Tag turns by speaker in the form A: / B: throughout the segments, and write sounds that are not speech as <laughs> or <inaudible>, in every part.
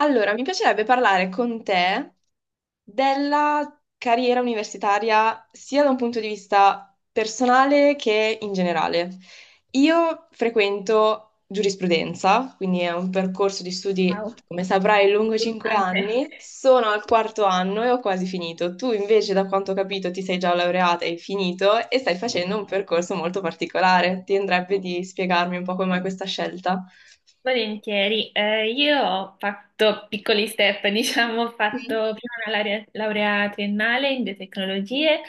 A: Allora, mi piacerebbe parlare con te della carriera universitaria sia da un punto di vista personale che in generale. Io frequento giurisprudenza, quindi è un percorso di studi,
B: Ciao.
A: come saprai, lungo 5
B: Ante.
A: anni. Sono al quarto anno e ho quasi finito. Tu invece, da quanto ho capito, ti sei già laureata e hai finito e stai facendo un percorso molto particolare. Ti andrebbe di spiegarmi un po' come mai questa scelta?
B: Volentieri. Io ho fatto piccoli step, <laughs> diciamo, ho fatto prima una laurea, laurea triennale in biotecnologie.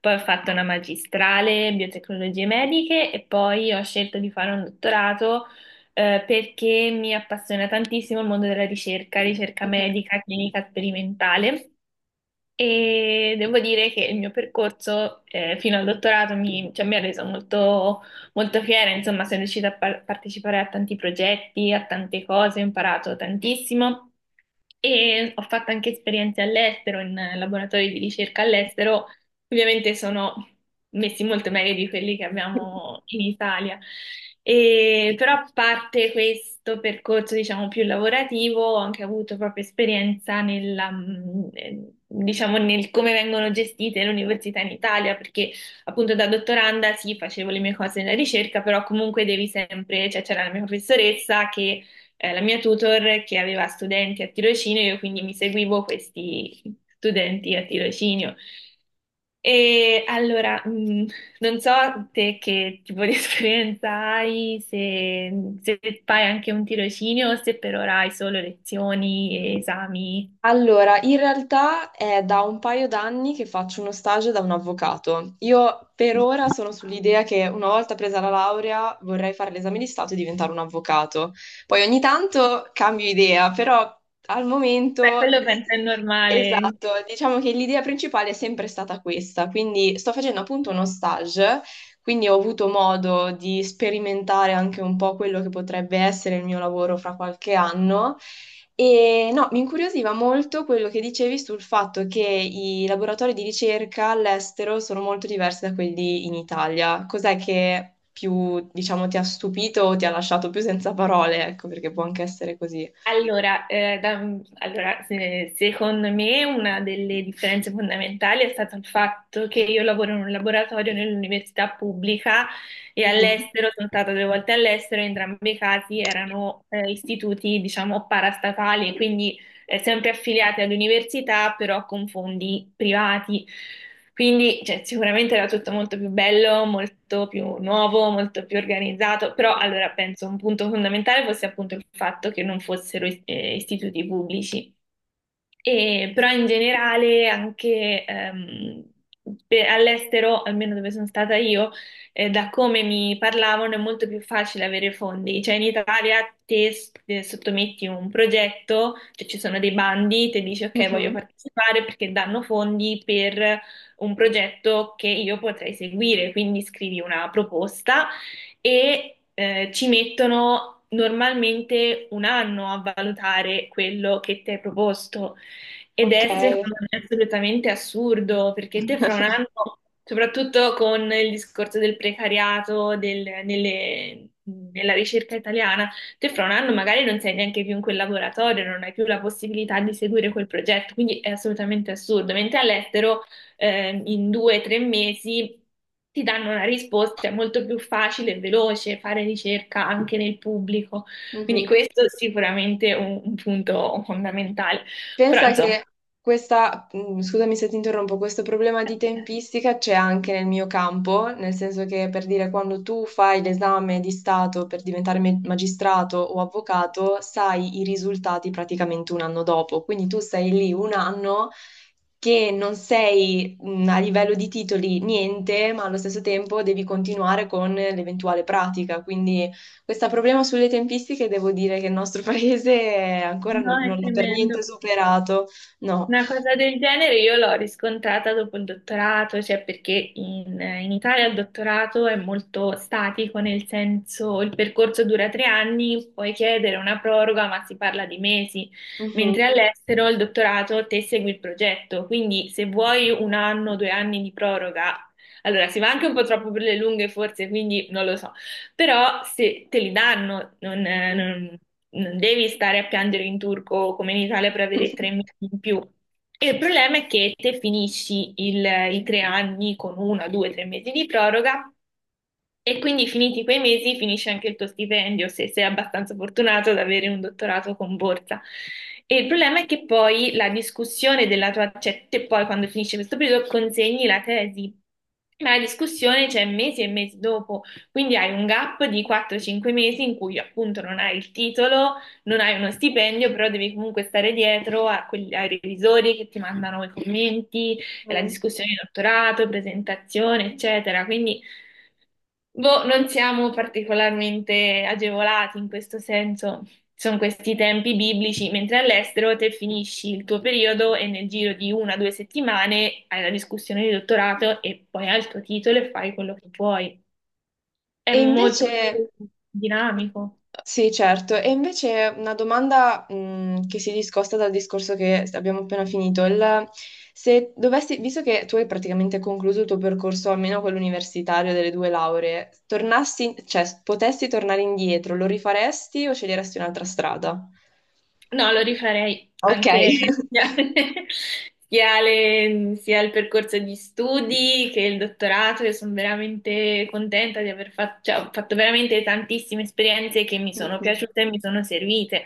B: Poi ho fatto una magistrale in biotecnologie mediche e poi ho scelto di fare un dottorato, perché mi appassiona tantissimo il mondo della ricerca, ricerca
A: Sì.
B: medica, clinica sperimentale. E devo dire che il mio percorso, fino al dottorato cioè, mi ha reso molto, molto fiera, insomma. Sono riuscita a partecipare a tanti progetti, a tante cose, ho imparato tantissimo e ho fatto anche esperienze all'estero, in laboratori di ricerca all'estero. Ovviamente sono messi molto meglio di quelli che abbiamo in Italia. Però a parte questo percorso, diciamo, più lavorativo, ho anche avuto proprio esperienza nella, diciamo, nel come vengono gestite le università in Italia, perché appunto da dottoranda sì, facevo le mie cose nella ricerca, però comunque devi sempre, cioè c'era la mia professoressa che la mia tutor che aveva studenti a tirocinio, io quindi mi seguivo questi studenti a tirocinio. E allora, non so te che tipo di <laughs> esperienza hai, se fai anche un tirocinio o se per ora hai solo lezioni e esami.
A: Allora, in realtà è da un paio d'anni che faccio uno stage da un avvocato. Io per ora sono sull'idea che una volta presa la laurea vorrei fare l'esame di Stato e diventare un avvocato. Poi ogni tanto cambio idea, però al
B: Beh,
A: momento.
B: quello penso è normale.
A: Esatto, diciamo che l'idea principale è sempre stata questa, quindi sto facendo appunto uno stage, quindi ho avuto modo di sperimentare anche un po' quello che potrebbe essere il mio lavoro fra qualche anno e no, mi incuriosiva molto quello che dicevi sul fatto che i laboratori di ricerca all'estero sono molto diversi da quelli in Italia. Cos'è che più, diciamo, ti ha stupito o ti ha lasciato più senza parole? Ecco, perché può anche essere così.
B: Allora, allora, secondo me una delle differenze fondamentali è stato il fatto che io lavoro in un laboratorio nell'università pubblica e
A: Mhm.
B: all'estero. Sono stata due volte all'estero, in entrambi i casi erano, istituti, diciamo, parastatali, quindi sempre affiliati all'università, però con fondi privati. Quindi, cioè, sicuramente era tutto molto più bello, molto più nuovo, molto più organizzato, però allora penso un punto fondamentale fosse appunto il fatto che non fossero istituti pubblici. Però in generale anche all'estero, almeno dove sono stata io, da come mi parlavano è molto più facile avere fondi. Cioè in Italia te sottometti un progetto, cioè ci sono dei bandi, te dici ok, voglio
A: Mhm.
B: partecipare perché danno fondi per un progetto che io potrei seguire, quindi scrivi una proposta e ci mettono normalmente un anno a valutare quello che ti hai proposto. Ed
A: Ok.
B: è secondo me assolutamente assurdo, perché te fra un
A: <laughs>
B: anno, soprattutto con il discorso del precariato, nella ricerca italiana, te fra un anno magari non sei neanche più in quel laboratorio, non hai più la possibilità di seguire quel progetto, quindi è assolutamente assurdo. Mentre all'estero, in 2 o 3 mesi ti danno una risposta, è molto più facile e veloce fare ricerca anche nel pubblico. Quindi
A: Mhm.
B: questo è sicuramente un punto fondamentale.
A: Pensa
B: Pronto?
A: che questa, scusami se ti interrompo, questo problema di tempistica c'è anche nel mio campo, nel senso che per dire quando tu fai l'esame di Stato per diventare magistrato o avvocato, sai i risultati praticamente un anno dopo, quindi tu sei lì un anno che non sei a livello di titoli niente, ma allo stesso tempo devi continuare con l'eventuale pratica. Quindi questo problema sulle tempistiche devo dire che il nostro <laughs> paese ancora
B: No, è
A: non l'ha per
B: tremendo.
A: niente superato. No.
B: Una cosa del genere io l'ho riscontrata dopo il dottorato, cioè perché in Italia il dottorato è molto statico, nel senso il percorso dura 3 anni, puoi chiedere una proroga, ma si parla di mesi, mentre
A: Mhm.
B: all'estero il dottorato te segui il progetto, quindi se vuoi un anno, 2 anni di proroga, allora si va anche un po' troppo per le lunghe forse, quindi non lo so. Però se te li danno, non devi stare a piangere in turco come in Italia per avere tre
A: <laughs>
B: mesi in più. E il problema è che te finisci i 3 anni con una, due, tre mesi di proroga e quindi finiti quei mesi finisce anche il tuo stipendio se sei abbastanza fortunato ad avere un dottorato con borsa. E il problema è che poi la discussione della tua, cioè te poi quando finisce questo periodo consegni la tesi, ma la discussione c'è mesi e mesi dopo. Quindi hai un gap di 4-5 mesi in cui appunto non hai il titolo, non hai uno stipendio, però devi comunque stare dietro a ai revisori che ti mandano i commenti, la
A: Mm.
B: discussione di dottorato, presentazione, eccetera. Quindi boh, non siamo particolarmente agevolati in questo senso. Sono questi tempi biblici, mentre all'estero te finisci il tuo periodo e nel giro di una o due settimane hai la discussione di dottorato e poi hai il tuo titolo e fai quello che vuoi. È
A: E invece,
B: molto più dinamico.
A: sì, certo, e invece una domanda, che si discosta dal discorso che abbiamo appena finito. Se dovessi, visto che tu hai praticamente concluso il tuo percorso, almeno quello universitario delle due lauree, tornassi, cioè, potessi tornare indietro, lo rifaresti o sceglieresti un'altra strada?
B: No, lo rifarei
A: Ok.
B: anche, <laughs>
A: <laughs>
B: sia, sia il percorso di studi che il dottorato. Io sono veramente contenta di aver fatto, cioè, ho fatto veramente tantissime esperienze che mi sono
A: Mhm.
B: piaciute e mi sono servite.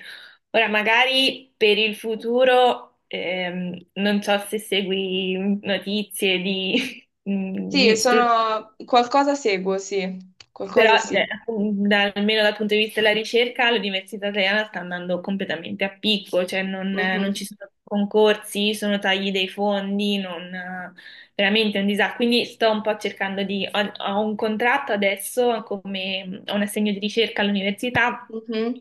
B: Ora, magari per il futuro, non so se segui notizie di, <laughs>
A: Sì,
B: di studi.
A: sono... qualcosa seguo, sì,
B: Però,
A: qualcosa sì.
B: almeno dal punto di vista della ricerca, l'università italiana sta andando completamente a picco, cioè non, non ci
A: Mhm.
B: sono concorsi, sono tagli dei fondi, veramente è un disastro. Quindi sto un po' cercando di... Ho un contratto adesso, come, ho un assegno di ricerca all'università,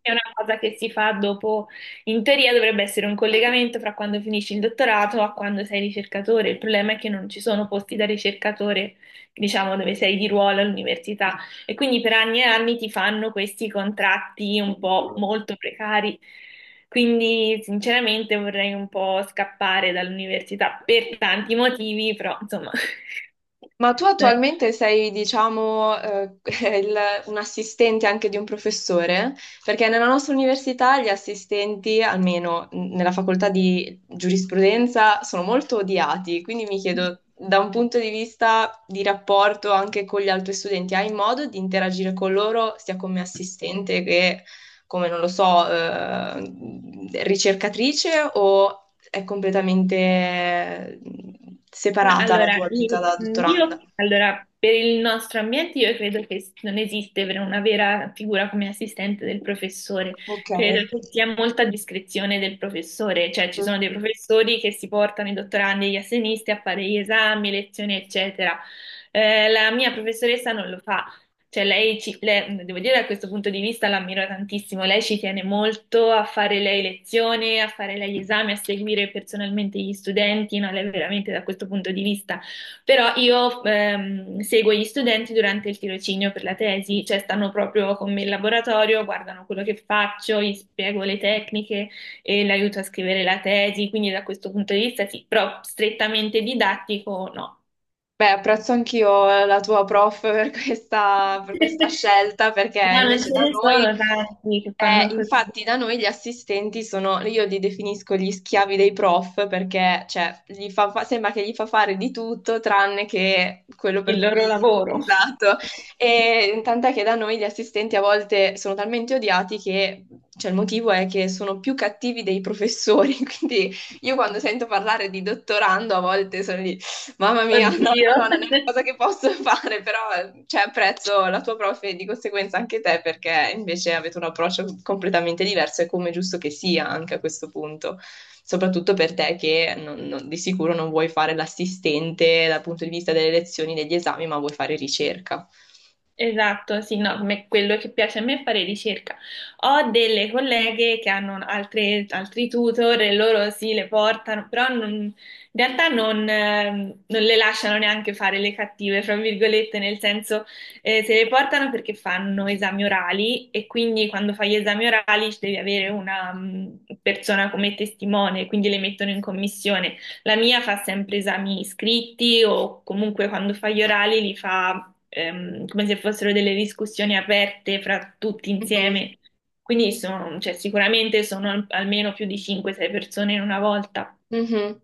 B: è una cosa che si fa dopo, in teoria dovrebbe essere un collegamento fra quando finisci il dottorato a quando sei ricercatore. Il problema è che non ci sono posti da ricercatore, diciamo, dove sei di ruolo all'università. E quindi per anni e anni ti fanno questi contratti un po'
A: Mhm.
B: molto precari. Quindi sinceramente vorrei un po' scappare dall'università per tanti motivi, però insomma...
A: Ma tu
B: <laughs>
A: attualmente sei, diciamo, <laughs> il- un assistente anche di un professore? Perché nella nostra università gli assistenti, almeno nella facoltà di giurisprudenza, sono molto odiati. Quindi mi chiedo, da un punto di vista di rapporto anche con gli altri studenti, hai modo di interagire con loro sia come assistente che come, non lo so, ricercatrice o è completamente
B: No,
A: separata la
B: allora,
A: tua vita da
B: io,
A: dottoranda.
B: allora, per il nostro ambiente io credo che non esiste per una vera figura come assistente del professore,
A: Ok.
B: credo che sia molta discrezione del professore, cioè ci
A: Mm.
B: sono dei professori che si portano i dottorandi e gli assegnisti a fare gli esami, lezioni, eccetera. La mia professoressa non lo fa, cioè, lei ci, devo dire, da questo punto di vista l'ammiro tantissimo. Lei ci tiene molto a fare lei lezione, a fare lei esami, a seguire personalmente gli studenti, no? Lei veramente da questo punto di vista. Però io seguo gli studenti durante il tirocinio per la tesi, cioè stanno proprio con me in laboratorio, guardano quello che faccio, gli spiego le tecniche e l'aiuto a scrivere la tesi. Quindi da questo punto di vista sì, però strettamente didattico no.
A: Beh, apprezzo anch'io la tua prof per <laughs> per questa
B: <laughs>
A: scelta, perché
B: No, non
A: invece
B: ce
A: da
B: ne
A: noi,
B: sono tanti che fanno così
A: infatti da noi gli assistenti sono, io li definisco gli schiavi dei prof, perché cioè, gli sembra che gli fa fare di tutto tranne che quello per
B: il loro
A: cui... <laughs>
B: lavoro.
A: Esatto,
B: <laughs>
A: e tant'è che da noi gli assistenti a volte sono talmente odiati che, cioè, il motivo è che sono più cattivi dei professori, <laughs> quindi... Io quando sento parlare di dottorando a volte sono. Mamma mia, <laughs> no,
B: Oddio.
A: no, no, non è una cosa che posso <laughs> fare, però cioè, apprezzo la tua prof e di conseguenza anche te perché invece avete un approccio completamente diverso e come è giusto che sia anche a questo punto, soprattutto per te che di sicuro non vuoi fare l'assistente dal punto di vista delle lezioni, degli esami, ma vuoi fare ricerca.
B: Esatto, sì, no, quello che piace a me è fare ricerca. Ho delle colleghe che hanno altri tutor e loro sì, le portano, però in realtà non le lasciano neanche fare le cattive, fra virgolette, nel senso se le portano perché fanno esami orali e quindi quando fai gli esami orali ci devi avere una persona come testimone, quindi le mettono in commissione. La mia fa sempre esami iscritti o comunque quando fa gli orali li fa come se fossero delle discussioni aperte fra tutti
A: Mhm,
B: insieme. Quindi sono, cioè, sicuramente sono almeno più di 5-6 persone in una volta.
A: mhm.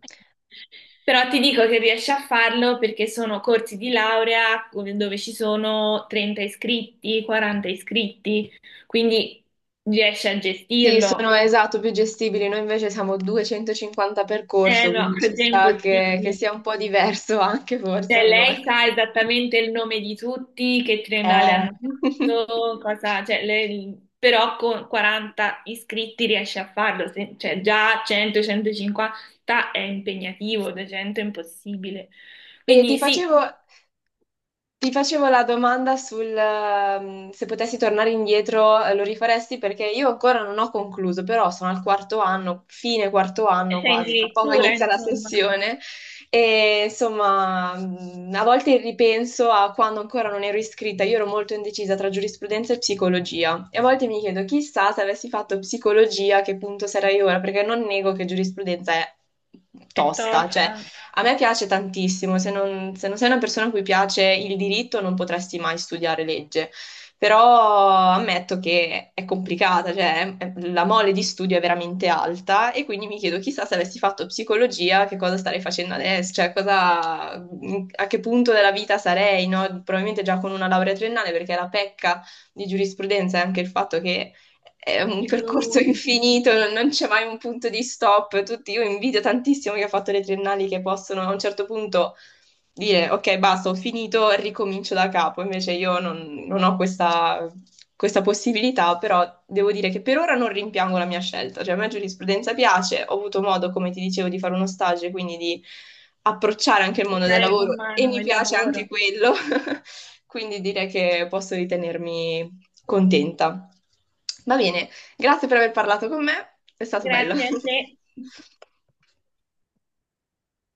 B: Però ti dico che riesci a farlo perché sono corsi di laurea dove ci sono 30 iscritti, 40 iscritti, quindi riesci a
A: Sì, sono
B: gestirlo.
A: esatto, più gestibili. Noi invece siamo 250 per
B: Eh
A: corso,
B: no, <laughs>
A: quindi ci
B: così è
A: sta che
B: impossibile.
A: sia un po' diverso <laughs> anche forse
B: Cioè,
A: allora.
B: lei sa esattamente il nome di tutti, che triennale
A: Eh,
B: hanno
A: <laughs>
B: fatto, cosa, cioè, però con 40 iscritti riesce a farlo, cioè già 100-150 è impegnativo, 200 è impossibile.
A: e ti
B: Quindi sì,
A: facevo, ti facevo la domanda sul se potessi tornare indietro, lo rifaresti perché io ancora non ho concluso, però sono al quarto anno, fine quarto anno
B: sei in
A: quasi, tra poco
B: dirittura,
A: inizia la
B: insomma,
A: sessione e insomma a volte ripenso a quando ancora non ero iscritta, io ero molto indecisa tra giurisprudenza e psicologia e a volte mi chiedo chissà se avessi fatto psicologia a che punto sarei ora, perché non nego che giurisprudenza è
B: è
A: tosta, cioè,
B: tosta,
A: a me piace tantissimo, se non, se non sei una persona a cui piace il diritto non potresti mai studiare legge, però ammetto che è complicata, cioè la mole di studio è veramente alta e quindi mi chiedo chissà se avessi fatto psicologia che cosa starei facendo adesso, cioè cosa, a che punto della vita sarei, no? Probabilmente già con una laurea triennale perché la pecca di giurisprudenza è anche il fatto che è un
B: ciclo
A: percorso
B: unico,
A: infinito, non c'è mai un punto di stop. Tutti, io invidio tantissimo chi ha fatto le triennali che possono a un certo punto dire ok, basta, ho finito, ricomincio da capo. Invece io non ho questa, questa possibilità, però devo dire che per ora non rimpiango la mia scelta. Cioè, a me giurisprudenza piace, ho avuto modo, come ti dicevo, di fare uno stage, quindi di approcciare anche il mondo del
B: toccare
A: lavoro
B: con
A: e
B: mano
A: mi
B: il
A: piace anche
B: lavoro.
A: quello. <laughs> Quindi direi che posso ritenermi contenta. Va bene, grazie per aver parlato con me, è stato bello.
B: Grazie a
A: <laughs>
B: te.